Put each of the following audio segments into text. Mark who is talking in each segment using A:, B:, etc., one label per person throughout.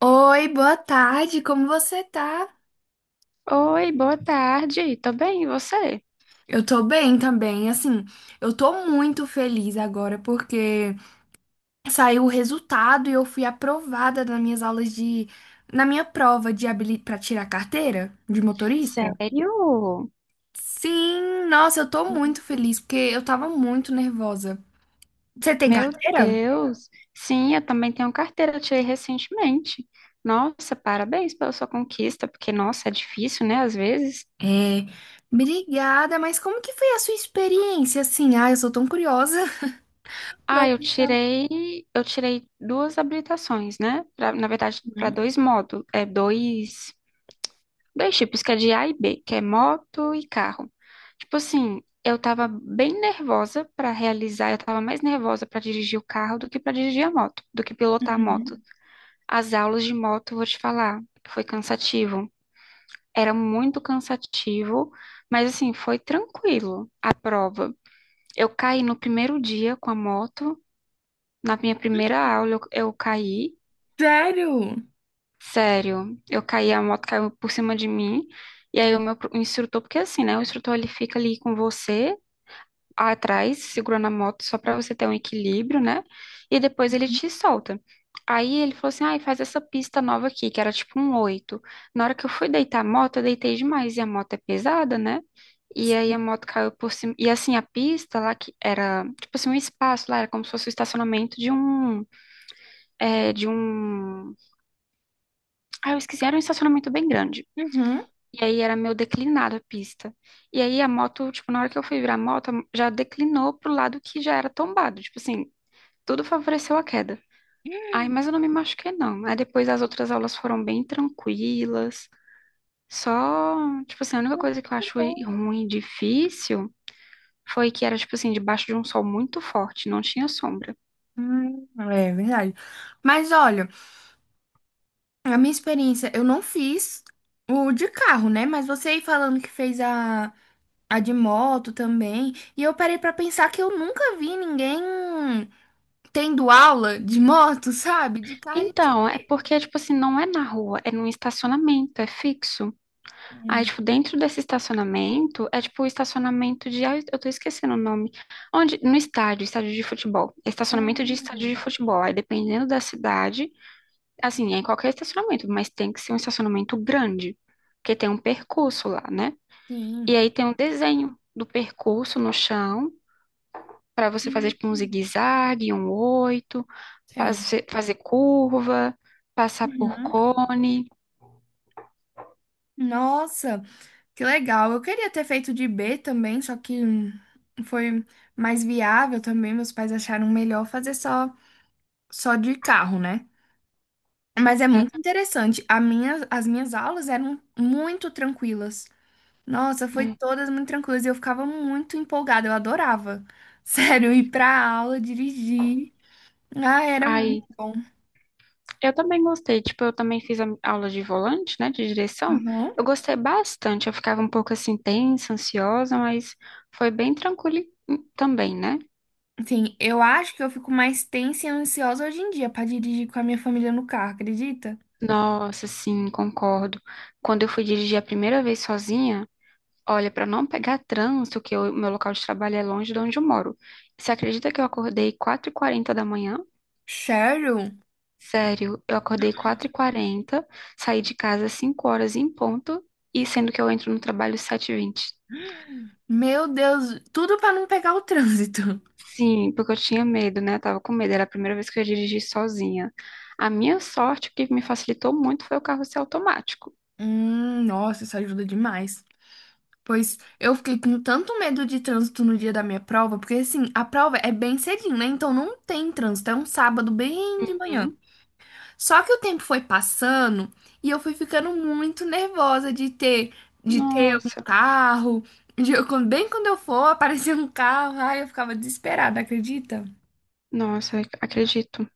A: Oi, boa tarde, como você tá?
B: Oi, boa tarde. Tô bem, e você?
A: Eu tô bem também, assim, eu tô muito feliz agora porque saiu o resultado e eu fui aprovada nas minhas aulas de, na minha prova de habili... para tirar carteira de motorista.
B: Sério?
A: Sim, nossa, eu tô muito feliz porque eu tava muito nervosa. Você tem
B: Meu
A: carteira?
B: Deus. Sim, eu também tenho carteira, eu tirei recentemente. Nossa, parabéns pela sua conquista, porque nossa, é difícil, né, às vezes.
A: É, obrigada, mas como que foi a sua experiência, assim? Ah, eu sou tão curiosa.
B: Ah,
A: Gosto
B: eu
A: de saber.
B: tirei, eu tirei duas habilitações, né? Na verdade, para dois módulos, dois tipos, que é de A e B, que é moto e carro. Tipo assim, eu tava bem nervosa pra realizar, eu tava mais nervosa pra dirigir o carro do que pra dirigir a moto, do que pilotar a moto. As aulas de moto, vou te falar, foi cansativo. Era muito cansativo, mas assim, foi tranquilo a prova. Eu caí no primeiro dia com a moto, na minha primeira aula eu caí.
A: Sério?
B: Sério, eu caí, a moto caiu por cima de mim, e aí o instrutor, porque assim, né, o instrutor ele fica ali com você atrás, segurando a moto só pra você ter um equilíbrio, né, e depois ele te solta. Aí ele falou assim, ai, faz essa pista nova aqui, que era tipo um oito. Na hora que eu fui deitar a moto, eu deitei demais, e a moto é pesada, né, e aí a moto caiu por cima, e assim, a pista lá que era, tipo assim, um espaço lá, era como se fosse o estacionamento de um, de um, eu esqueci, era um estacionamento bem grande.
A: Uhum.
B: E aí era meio declinado a pista. E aí a moto, tipo, na hora que eu fui virar a moto, já declinou pro lado que já era tombado. Tipo assim, tudo favoreceu a queda. Aí, mas eu não me machuquei, não. Aí depois as outras aulas foram bem tranquilas. Só, tipo assim, a única coisa que eu acho ruim e difícil foi que era, tipo assim, debaixo de um sol muito forte, não tinha sombra.
A: É verdade. Mas olha, a minha experiência, eu não fiz o de carro, né? Mas você aí falando que fez a de moto também. E eu parei pra pensar que eu nunca vi ninguém tendo aula de moto, sabe? De carro a gente.
B: Então, é porque, tipo assim, não é na rua, é num estacionamento, é fixo. Aí,
A: Hum.
B: tipo, dentro desse estacionamento, é tipo o estacionamento de. Ah, eu tô esquecendo o nome. Onde? No estádio, estádio de futebol. É, estacionamento de estádio de
A: Ah,
B: futebol. Aí, dependendo da cidade, assim, é em qualquer estacionamento, mas tem que ser um estacionamento grande, porque tem um percurso lá, né? E
A: sim.
B: aí tem um desenho do percurso no chão, pra você fazer,
A: Hum.
B: tipo, um zigue-zague, um oito,
A: Certo.
B: fazer curva, passar por
A: Uhum.
B: cone.
A: Nossa, que legal. Eu queria ter feito de B também, só que foi mais viável também. Meus pais acharam melhor fazer só. Só de carro, né? Mas é
B: É,
A: muito interessante. A minha, as minhas aulas eram muito tranquilas. Nossa, foi
B: é.
A: todas muito tranquilas e eu ficava muito empolgada, eu adorava. Sério, ir pra aula, dirigir. Ah, era muito
B: Aí.
A: bom.
B: Eu também gostei, tipo, eu também fiz a aula de volante, né, de direção.
A: Aham.
B: Eu gostei bastante, eu ficava um pouco assim tensa, ansiosa, mas foi bem tranquilo também, né?
A: Sim, eu acho que eu fico mais tensa e ansiosa hoje em dia pra dirigir com a minha família no carro, acredita?
B: Nossa, sim, concordo. Quando eu fui dirigir a primeira vez sozinha, olha, para não pegar trânsito, que o meu local de trabalho é longe de onde eu moro. Você acredita que eu acordei 4h40 da manhã?
A: Sério?
B: Sério, eu acordei 4h40, saí de casa às 5 horas em ponto, e sendo que eu entro no trabalho às 7h20.
A: Meu Deus, tudo pra não pegar o trânsito.
B: Sim, porque eu tinha medo, né? Eu tava com medo. Era a primeira vez que eu ia dirigir sozinha. A minha sorte, o que me facilitou muito foi o carro ser automático.
A: Nossa, isso ajuda demais. Pois eu fiquei com tanto medo de trânsito no dia da minha prova, porque assim, a prova é bem cedinho, né? Então não tem trânsito, é um sábado bem de manhã.
B: Hum,
A: Só que o tempo foi passando e eu fui ficando muito nervosa de ter algum
B: Nossa,
A: carro. De eu- quando- bem quando eu for, aparecer um carro, ai, eu ficava desesperada, acredita?
B: nossa, acredito,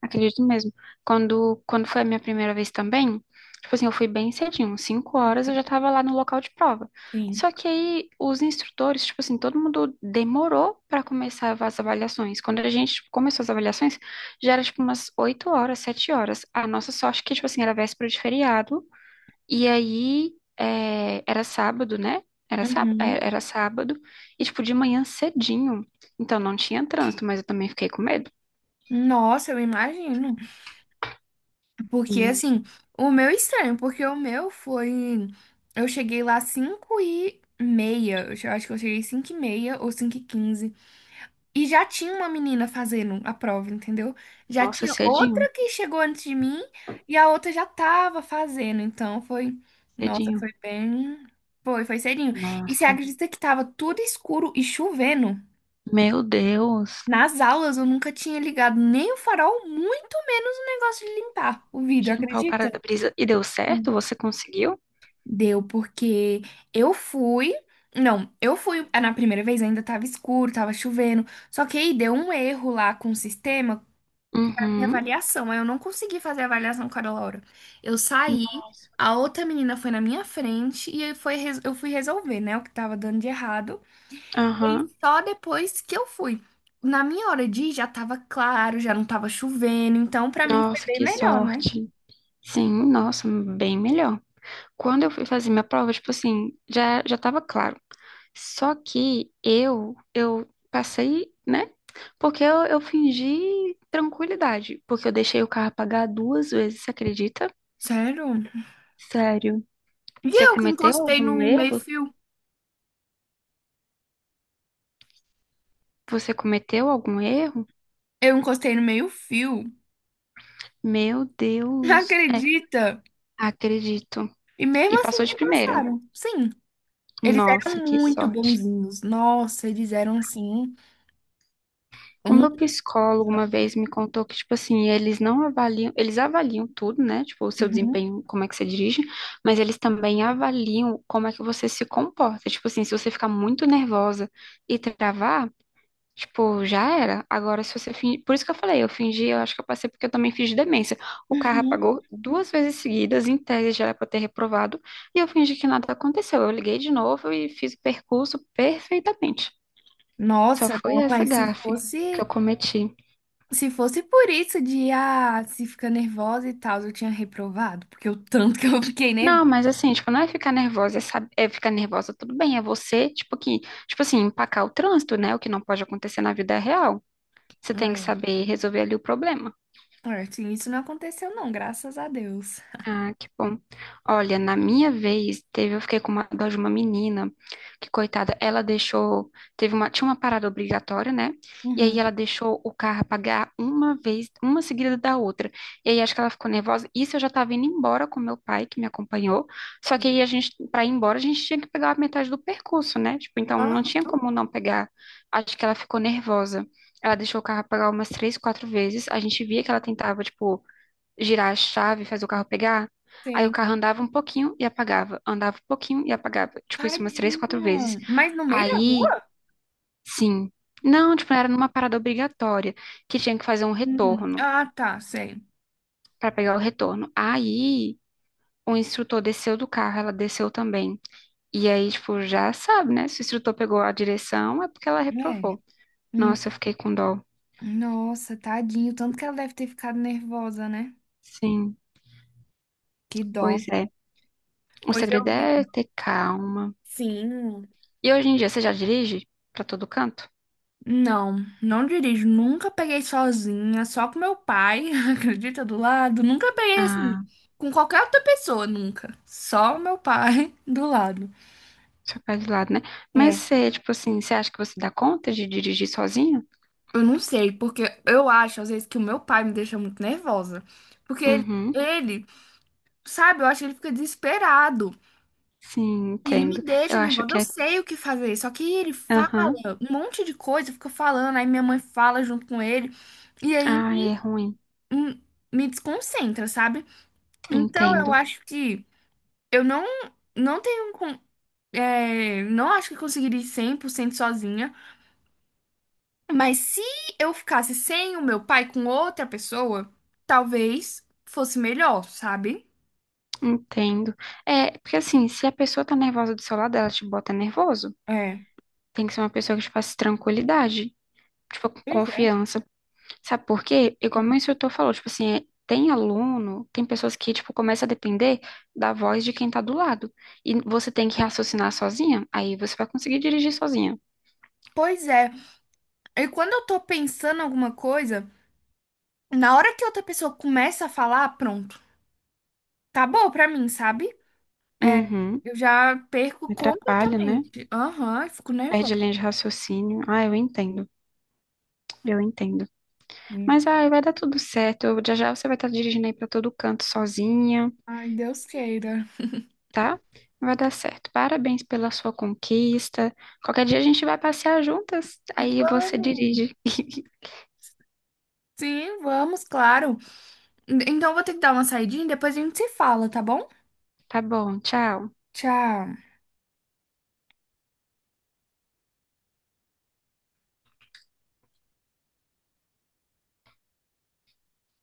B: acredito mesmo. Quando foi a minha primeira vez também, tipo assim, eu fui bem cedinho, 5h eu já tava lá no local de prova.
A: Sim.
B: Só que aí os instrutores, tipo assim, todo mundo demorou pra começar as avaliações. Quando a gente tipo, começou as avaliações, já era tipo umas 8h, 7h. A nossa sorte é que, tipo assim, era véspera de feriado. E aí, é, era sábado, né?
A: Uhum.
B: Era sábado, e tipo, de manhã cedinho. Então não tinha trânsito, mas eu também fiquei com medo.
A: Nossa, eu imagino. Porque,
B: Sim.
A: assim, o meu é estranho, porque o meu foi. Eu cheguei lá 5 e meia. Eu che- acho que eu cheguei 5 e meia ou 5 e quinze. E já tinha uma menina fazendo a prova, entendeu? Já
B: Nossa,
A: tinha
B: cedinho,
A: outra que chegou antes de mim e a outra já tava fazendo. Então foi. Nossa,
B: cedinho.
A: foi bem. Foi, foi cedinho. E você
B: Nossa,
A: acredita que tava tudo escuro e chovendo?
B: meu Deus.
A: Nas aulas eu nunca tinha ligado nem o farol, muito menos o negócio de limpar o vidro,
B: Deixa eu limpar o
A: acredita?
B: para-brisa. E deu certo? Você conseguiu?
A: Deu, porque eu fui. Não, eu fui na primeira vez, ainda tava escuro, tava chovendo. Só que aí deu um erro lá com o sistema, com a minha
B: Uhum.
A: avaliação. Aí eu não consegui fazer a avaliação com a Laura. Eu saí,
B: Nossa.
A: a outra menina foi na minha frente e aí foi, res- eu fui resolver, né, o que tava dando de errado. E aí
B: Aham.
A: só depois que eu fui. Na minha hora de ir já tava claro, já não tava chovendo. Então, pra mim foi
B: Nossa,
A: bem
B: que
A: melhor, né?
B: sorte. Sim, nossa, bem melhor. Quando eu fui fazer minha prova, tipo assim, já já tava claro. Só que eu passei, né? Porque eu fingi tranquilidade, porque eu deixei o carro apagar duas vezes, você acredita?
A: Sério?
B: Sério.
A: E
B: Você
A: eu que
B: cometeu
A: encostei no
B: algum erro?
A: meio-fio.
B: Você cometeu algum erro?
A: Eu encostei no meio-fio.
B: Meu Deus. É,
A: Acredita?
B: acredito.
A: E
B: E
A: mesmo assim
B: passou de
A: me
B: primeira.
A: passaram. Sim, eles
B: Nossa,
A: eram
B: que
A: muito
B: sorte.
A: bonzinhos. Nossa, eles eram assim.
B: O
A: Um-
B: meu psicólogo uma vez me contou que, tipo assim, eles não avaliam, eles avaliam tudo, né? Tipo, o seu
A: uhum,
B: desempenho, como é que você dirige, mas eles também avaliam como é que você se comporta. Tipo assim, se você ficar muito nervosa e travar, tipo, já era. Agora, se você fingir. Por isso que eu falei, eu fingi, eu acho que eu passei porque eu também fingi demência. O carro
A: uhum.
B: apagou duas vezes seguidas, em tese já era pra eu ter reprovado, e eu fingi que nada aconteceu. Eu liguei de novo e fiz o percurso perfeitamente. Só
A: Nossa,
B: foi
A: não,
B: essa
A: mas se
B: gafe que
A: fosse,
B: eu cometi.
A: se fosse por isso de se ficar nervosa e tal, eu tinha reprovado, porque o tanto que eu fiquei nervosa.
B: Não, mas assim, tipo, não é ficar nervosa, é ficar nervosa, tudo bem, é você, tipo, que, tipo assim, empacar o trânsito, né? O que não pode acontecer na vida é real. Você tem que
A: É,
B: saber resolver ali o problema.
A: é, assim, isso não aconteceu, não, graças a Deus.
B: Ah, que bom. Olha, na minha vez, teve, eu fiquei com uma dó de uma menina, que coitada, ela deixou, tinha uma parada obrigatória, né? E aí
A: Uhum.
B: ela deixou o carro apagar uma vez, uma seguida da outra. E aí acho que ela ficou nervosa. Isso eu já tava indo embora com meu pai, que me acompanhou. Só que aí a gente, pra ir embora, a gente tinha que pegar a metade do percurso, né? Tipo, então não
A: Aham,
B: tinha como não pegar. Acho que ela ficou nervosa. Ela deixou o carro apagar umas três, quatro vezes. A gente via que ela tentava, tipo, girar a chave, fazer o carro pegar. Aí o
A: sei.
B: carro andava um pouquinho e apagava, andava um pouquinho e apagava. Tipo, isso umas três, quatro vezes.
A: Tadinha. Mas no meio da
B: Aí,
A: rua?
B: sim. Não, tipo, era numa parada obrigatória, que tinha que fazer um retorno,
A: Ah, tá, sei.
B: pra pegar o retorno. Aí, o instrutor desceu do carro, ela desceu também. E aí, tipo, já sabe, né? Se o instrutor pegou a direção, é porque ela
A: É.
B: reprovou. Nossa, eu fiquei com dó.
A: Nossa, tadinho, tanto que ela deve ter ficado nervosa, né?
B: Sim,
A: Que dó.
B: pois é. O
A: Pois eu
B: segredo
A: vi.
B: é ter calma.
A: Sim.
B: E hoje em dia, você já dirige pra todo canto?
A: Não, não dirijo. Nunca peguei sozinha, só com meu pai, acredita, do lado. Nunca peguei assim,
B: Ah.
A: com qualquer outra pessoa, nunca. Só o meu pai do lado.
B: Ficar de lado, né? Mas
A: É.
B: você, tipo assim, você acha que você dá conta de dirigir sozinho?
A: Eu não sei, porque eu acho, às vezes, que o meu pai me deixa muito nervosa. Porque ele,
B: Uhum.
A: ele, sabe, eu acho que ele fica desesperado.
B: Sim,
A: E ele me
B: entendo.
A: deixa
B: Eu acho
A: nervosa,
B: que
A: eu
B: é.
A: sei o que fazer, só que ele fala
B: Aham.
A: um monte de coisa, fica falando, aí minha mãe fala junto com ele, e aí
B: Ah, é ruim.
A: hum, me desconcentra, sabe? Então eu
B: Entendo.
A: acho que eu não, não tenho, con- é, não acho que eu conseguiria ir 100% sozinha, mas se eu ficasse sem o meu pai com outra pessoa, talvez fosse melhor, sabe?
B: Entendo. É, porque assim, se a pessoa tá nervosa do seu lado, ela te bota nervoso.
A: É,
B: Tem que ser uma pessoa que te faça tranquilidade, tipo, com
A: pois é.
B: confiança. Sabe por quê? Igual meu instrutor falou, tipo assim, tem aluno, tem pessoas que, tipo, começa a depender da voz de quem tá do lado. E você tem que raciocinar sozinha, aí você vai conseguir dirigir sozinha.
A: Pois é, e quando eu tô pensando em alguma coisa. Na hora que outra pessoa começa a falar, pronto. Acabou pra mim, sabe? É,
B: Uhum.
A: eu já perco
B: Me atrapalha, né?
A: completamente. Aham, eu fico nervosa.
B: Perde a linha de raciocínio. Ah, eu entendo. Eu entendo. Mas ai, vai dar tudo certo. Já já você vai estar dirigindo aí para todo canto sozinha,
A: Ai, Deus queira.
B: tá? Vai dar certo. Parabéns pela sua conquista. Qualquer dia a gente vai passear juntas. Aí você
A: Vamos.
B: dirige.
A: Sim, vamos, claro. Então eu vou ter que dar uma saidinha e depois a gente se fala, tá bom?
B: Tá bom, tchau.
A: Tchau.